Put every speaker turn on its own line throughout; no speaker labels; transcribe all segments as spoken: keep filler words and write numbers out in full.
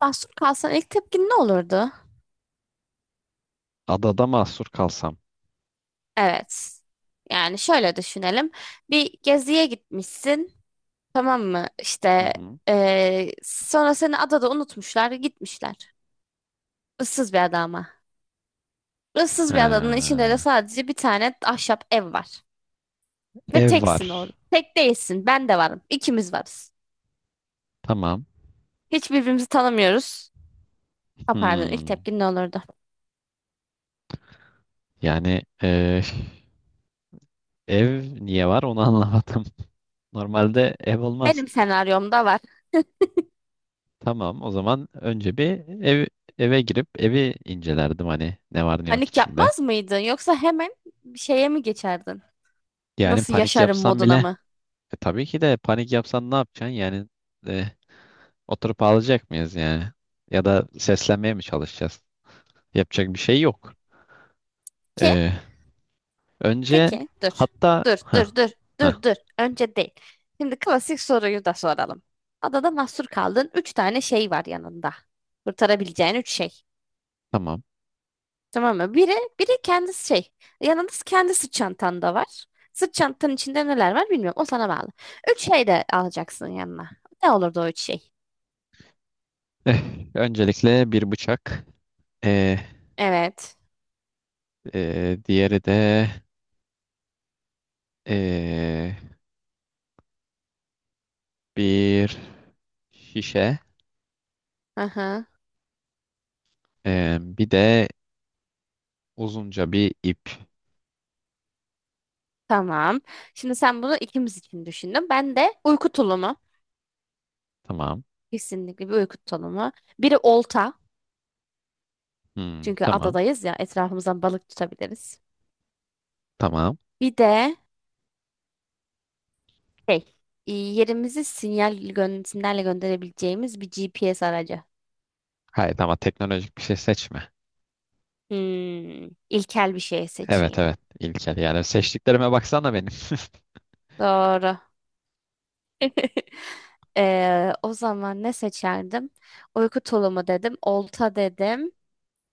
Mahsur kalsan ilk tepkin ne olurdu?
Adada mahsur kalsam.
Evet. Yani şöyle düşünelim. Bir geziye gitmişsin. Tamam mı?
Hı
İşte
hı.
eee, sonra seni adada unutmuşlar, gitmişler. Issız bir ada ama. Issız bir adanın içinde de
Ha,
sadece bir tane ahşap ev var. Ve
ev
teksin orada.
var.
Tek değilsin. Ben de varım. İkimiz varız.
Tamam.
Hiç birbirimizi tanımıyoruz. Ha, pardon, ilk
Hmm.
tepkin ne olurdu?
Yani e, Ev niye var onu anlamadım. Normalde ev olmaz.
Benim senaryomda var.
Tamam, o zaman önce bir ev eve girip evi incelerdim, hani ne var ne yok
Panik
içinde.
yapmaz mıydın? Yoksa hemen bir şeye mi geçerdin?
Yani
Nasıl
panik
yaşarım
yapsam bile
moduna mı?
e, tabii ki de panik yapsan ne yapacaksın? Yani e, Oturup ağlayacak mıyız yani? Ya da seslenmeye mi çalışacağız? Yapacak bir şey yok.
Ki,
E, Önce
peki dur.
hatta
Dur dur
ha
dur
ha
dur dur. Önce değil. Şimdi klasik soruyu da soralım. Adada mahsur kaldın. Üç tane şey var yanında. Kurtarabileceğin üç şey.
tamam.
Tamam mı? Biri, biri kendisi şey. Yanında kendi sırt çantan da var. Sırt çantanın içinde neler var bilmiyorum. O sana bağlı. Üç şey de alacaksın yanına. Ne olurdu o üç şey?
Eh, Öncelikle bir bıçak, eh,
Evet.
eh, diğeri de eh, bir şişe,
Aha.
eh, bir de uzunca bir ip.
Tamam. Şimdi sen bunu ikimiz için düşündün. Ben de uyku tulumu.
Tamam.
Kesinlikle bir uyku tulumu. Biri olta.
Hmm,
Çünkü
tamam.
adadayız ya etrafımızdan balık tutabiliriz.
Tamam.
Bir de şey, e, yerimizi sinyal gö sinyalle gönderebileceğimiz bir G P S aracı.
Hayır, ama teknolojik bir şey seçme.
Hmm, ilkel bir şey
Evet,
seçeyim.
evet İlker, yani seçtiklerime baksana benim.
Doğru. Ee, o zaman ne seçerdim? Uyku tulumu dedim, olta dedim.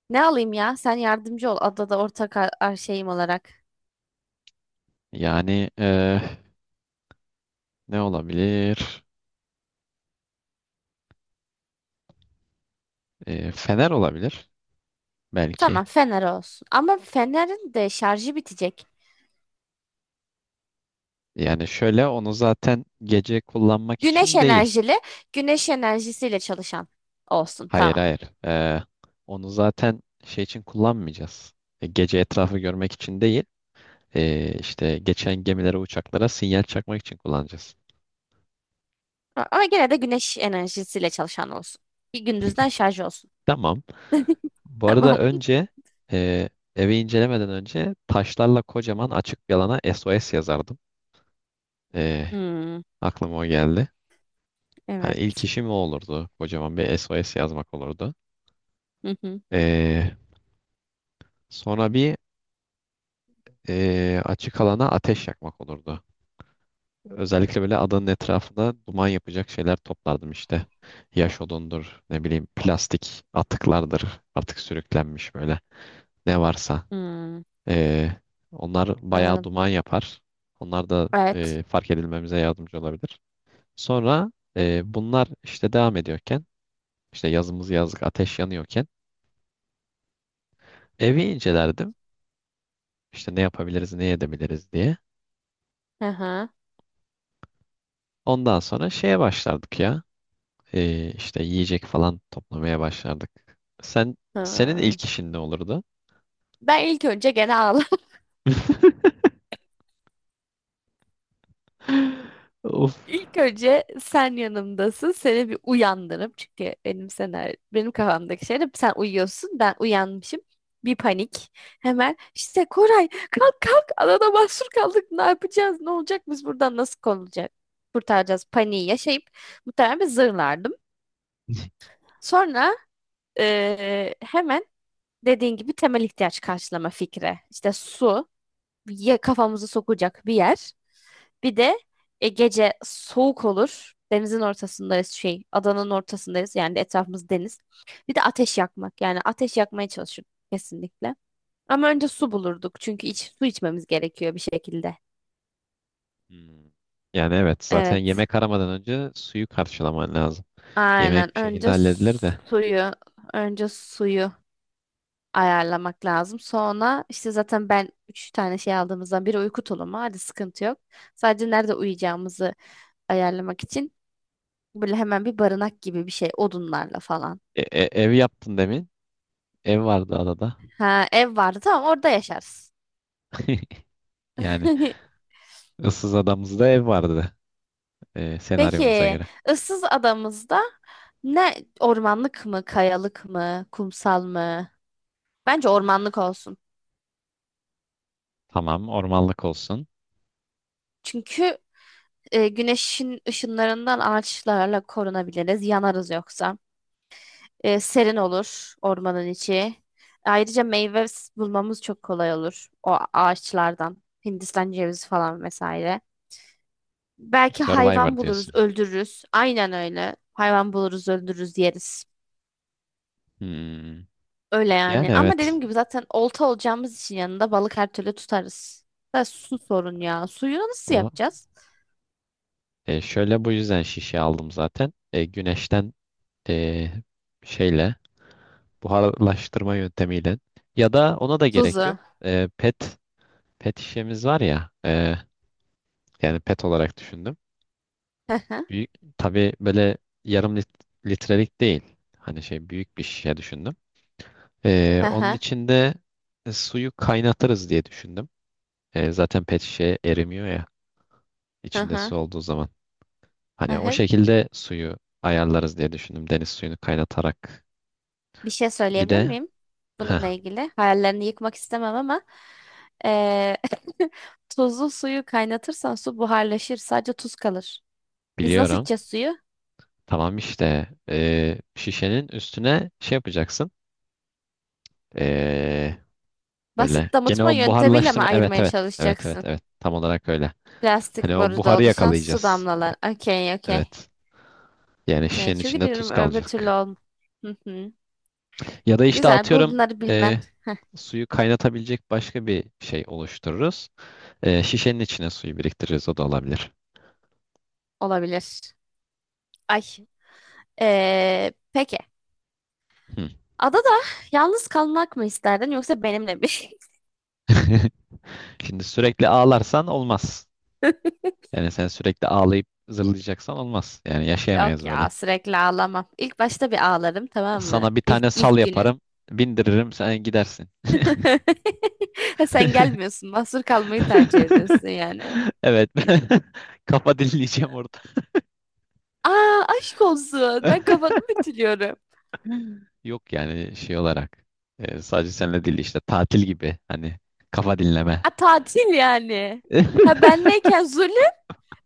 Ne alayım ya? Sen yardımcı ol adada ortak ar- ar- şeyim olarak.
Yani eh, ne olabilir? Eh, fener olabilir belki.
Tamam, fener olsun. Ama fenerin de şarjı bitecek.
Yani şöyle, onu zaten gece kullanmak
Güneş
için değil.
enerjili, güneş enerjisiyle çalışan olsun.
Hayır,
Tamam.
hayır. Ee, onu zaten şey için kullanmayacağız. E, gece etrafı görmek için değil. Ee, işte geçen gemilere, uçaklara sinyal çakmak için kullanacağız.
A- Ama gene de güneş enerjisiyle çalışan olsun. Bir gündüzden şarj olsun.
Tamam. Bu arada
Tamam.
önce, e, evi incelemeden önce, taşlarla kocaman açık bir alana S O S yazardım. E,
Hmm,
aklıma o geldi. Hani ilk
evet.
işim o olurdu. Kocaman bir S O S yazmak olurdu.
Hı hı.
E, Sonra bir e, açık alana ateş yakmak olurdu. Özellikle böyle adanın etrafına duman yapacak şeyler toplardım işte. Yaş odundur, ne bileyim plastik atıklardır artık, sürüklenmiş böyle. Ne varsa.
Hmm,
E, Onlar bayağı
anladım.
duman yapar. Onlar da
Evet.
e, fark edilmemize yardımcı olabilir. Sonra e, bunlar işte devam ediyorken, işte yazımız yazlık ateş yanıyorken evi incelerdim. İşte ne yapabiliriz, ne edebiliriz diye.
Hı hı.
Ondan sonra şeye başlardık ya. e, işte yiyecek falan toplamaya başlardık. Sen Senin
Hı.
ilk işin ne olurdu?
Ben ilk önce gene ağlarım.
Of.
İlk önce sen yanımdasın. Seni bir uyandırıp çünkü benim senaryo, benim kafamdaki şey de sen uyuyorsun. Ben uyanmışım. Bir panik. Hemen işte Koray kalk kalk adada mahsur kaldık. Ne yapacağız? Ne olacak? Biz buradan nasıl konulacak? Kurtaracağız. Paniği yaşayıp muhtemelen bir zırlardım. Sonra eee, hemen dediğin gibi temel ihtiyaç karşılama fikri. İşte su ya kafamızı sokacak bir yer. Bir de e, gece soğuk olur. Denizin ortasındayız şey, adanın ortasındayız. Yani etrafımız deniz. Bir de ateş yakmak. Yani ateş yakmaya çalışırdık kesinlikle. Ama önce su bulurduk. Çünkü iç, su içmemiz gerekiyor bir şekilde.
Hmm. Yani evet, zaten
Evet.
yemek aramadan önce suyu karşılaman lazım.
Aynen.
Yemek bir şekilde
Önce
halledilir de.
suyu, önce suyu ayarlamak lazım. Sonra işte zaten ben üç tane şey aldığımızdan biri uyku tulumu. Hadi sıkıntı yok. Sadece nerede uyuyacağımızı ayarlamak için böyle hemen bir barınak gibi bir şey odunlarla falan.
E- e- ev yaptın demin. Ev vardı adada.
Ha ev vardı tamam orada yaşarız.
Yani, ıssız adamızda ev vardı e, senaryomuza
Peki
göre.
ıssız adamızda ne ormanlık mı kayalık mı kumsal mı? Bence ormanlık olsun.
Tamam, ormanlık olsun.
Çünkü e, güneşin ışınlarından ağaçlarla korunabiliriz yanarız yoksa. E, serin olur ormanın içi. Ayrıca meyve s- bulmamız çok kolay olur o ağaçlardan. Hindistan cevizi falan vesaire. Belki
Survivor
hayvan buluruz,
diyorsun.
öldürürüz. Aynen öyle. Hayvan buluruz, öldürürüz, yeriz.
Hmm.
Öyle yani.
Yani
Ama
evet.
dediğim gibi zaten olta olacağımız için yanında balık her türlü tutarız. Da su sorun ya. Suyu nasıl
O
yapacağız?
E, şöyle, bu yüzden şişe aldım zaten. E, güneşten e, şeyle buharlaştırma yöntemiyle, ya da ona da gerek yok.
Tuzu.
E, pet pet şişemiz var ya, e, yani pet olarak düşündüm.
Hı hı,
Büyük, tabii böyle yarım lit- litrelik değil. Hani şey, büyük bir şişe düşündüm. E,
hı
onun
hı,
içinde e, suyu kaynatırız diye düşündüm. E, zaten pet şişe erimiyor ya,
hı
içinde
hı,
su olduğu zaman.
hı
Hani o
hı.
şekilde suyu ayarlarız diye düşündüm. Deniz suyunu kaynatarak.
Bir şey
Bir
söyleyebilir
de
miyim? Bununla
heh,
ilgili. Hayallerini yıkmak istemem ama eee tuzlu suyu kaynatırsan su buharlaşır. Sadece tuz kalır. Biz nasıl
biliyorum.
içeceğiz suyu?
Tamam, işte e, şişenin üstüne şey yapacaksın. E, böyle
Basit
gene
damıtma
o
yöntemiyle mi
buharlaştırma. Evet,
ayırmaya
evet. Evet, evet,
çalışacaksın?
evet. Tam olarak öyle.
Plastik
Hani o
boruda
buharı
oluşan su
yakalayacağız.
damlaları. Okey, okey.
Evet. Yani
Okey.
şişenin
Çünkü
içinde
diyorum
tuz
öbür türlü
kalacak.
olm. Hı hı.
Ya da işte
Güzel.
atıyorum,
Bunları
e,
bilmen
suyu kaynatabilecek başka bir şey oluştururuz. E, şişenin içine suyu biriktiririz. O da olabilir.
olabilir. Ay. Ee, peki.
Hı.
Adada yalnız kalmak mı isterdin yoksa benimle mi?
Şimdi sürekli ağlarsan olmaz. Yani sen sürekli ağlayıp zırlayacaksan olmaz. Yani
Yok
yaşayamayız böyle.
ya sürekli ağlamam. İlk başta bir ağlarım tamam mı?
Sana bir
İlk,
tane sal
ilk günün.
yaparım, bindiririm, sen gidersin.
Ha, sen gelmiyorsun. Mahsur kalmayı tercih ediyorsun yani.
Evet. Kafa dinleyeceğim orada.
Aa aşk olsun. Ben kafamı bitiriyorum.
Yok, yani şey olarak, e, sadece seninle değil, işte tatil gibi. Hani kafa dinleme.
A, tatil yani. Ha benleyken zulü,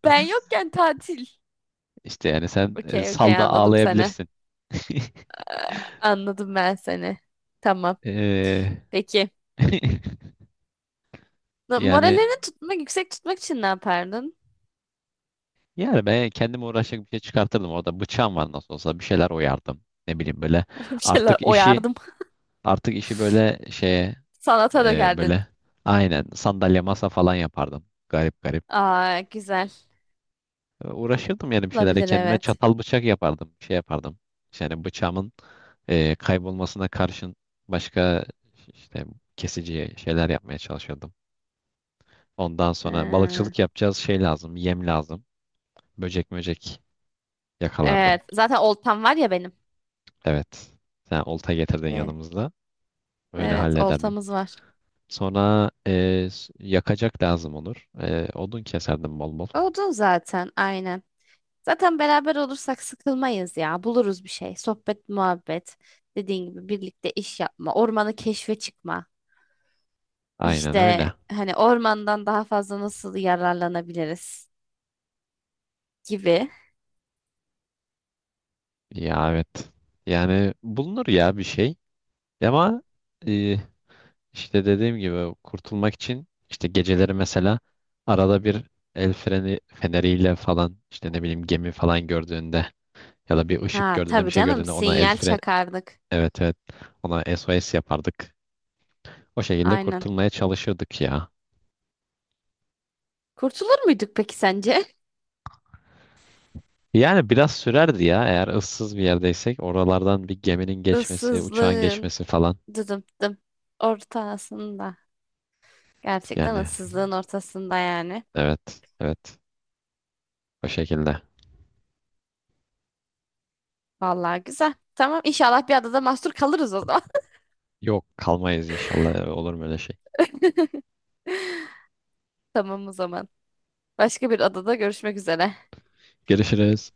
ben yokken tatil.
İşte yani sen e,
Okey okey
salda
anladım seni.
ağlayabilirsin.
Anladım ben seni. Tamam.
Ee,
Peki. Na-
yani
Moralini tutmak, yüksek tutmak için ne yapardın?
yani ben kendime uğraşacak bir şey çıkartırdım. Orada bıçağım var, nasıl olsa bir şeyler oyardım. Ne bileyim böyle,
Bir şeyler
artık işi
oyardım.
artık işi böyle şeye,
Sanata
e,
dökerdin.
böyle aynen sandalye masa falan yapardım. Garip garip.
Aa güzel.
E, uğraşırdım yani bir şeylerle,
Olabilir
kendime
evet.
çatal bıçak yapardım. Bir şey yapardım. Yani bıçağımın e, kaybolmasına karşın başka işte kesici şeyler yapmaya çalışırdım. Ondan sonra
Ha,
balıkçılık yapacağız, şey lazım, yem lazım. Böcek möcek yakalardım.
evet. Zaten oltam var ya benim.
Evet. Sen olta getirdin
Ee,
yanımızda. Öyle
Evet
hallederdim.
oltamız var.
Sonra e, s- yakacak lazım olur. E, odun keserdim bol bol.
Odun zaten aynen. Zaten beraber olursak sıkılmayız ya. Buluruz bir şey. Sohbet, muhabbet. Dediğin gibi birlikte iş yapma. Ormanı keşfe çıkma.
Aynen
İşte
öyle.
hani ormandan daha fazla nasıl yararlanabiliriz gibi.
Ya evet. Yani bulunur ya bir şey. Ama e, işte dediğim gibi, kurtulmak için işte geceleri mesela arada bir el freni feneriyle falan, işte ne bileyim, gemi falan gördüğünde ya da bir ışık
Ha
gördüğünde, bir
tabii
şey
canım
gördüğünde ona el
sinyal
fren
çakardık.
evet, evet, ona S O S yapardık. O şekilde
Aynen.
kurtulmaya çalışırdık ya.
Kurtulur muyduk peki sence?
Yani biraz sürerdi ya, eğer ıssız bir yerdeysek, oralardan bir geminin geçmesi, uçağın
Issızlığın
geçmesi falan.
dıdım dım ortasında. Gerçekten
Yani
ıssızlığın ortasında yani.
evet, evet, o şekilde.
Vallahi güzel. Tamam inşallah bir adada mahsur kalırız o zaman.
Yok, kalmayız inşallah, olur mu öyle şey.
Tamam o zaman. Başka bir adada görüşmek üzere.
Görüşürüz.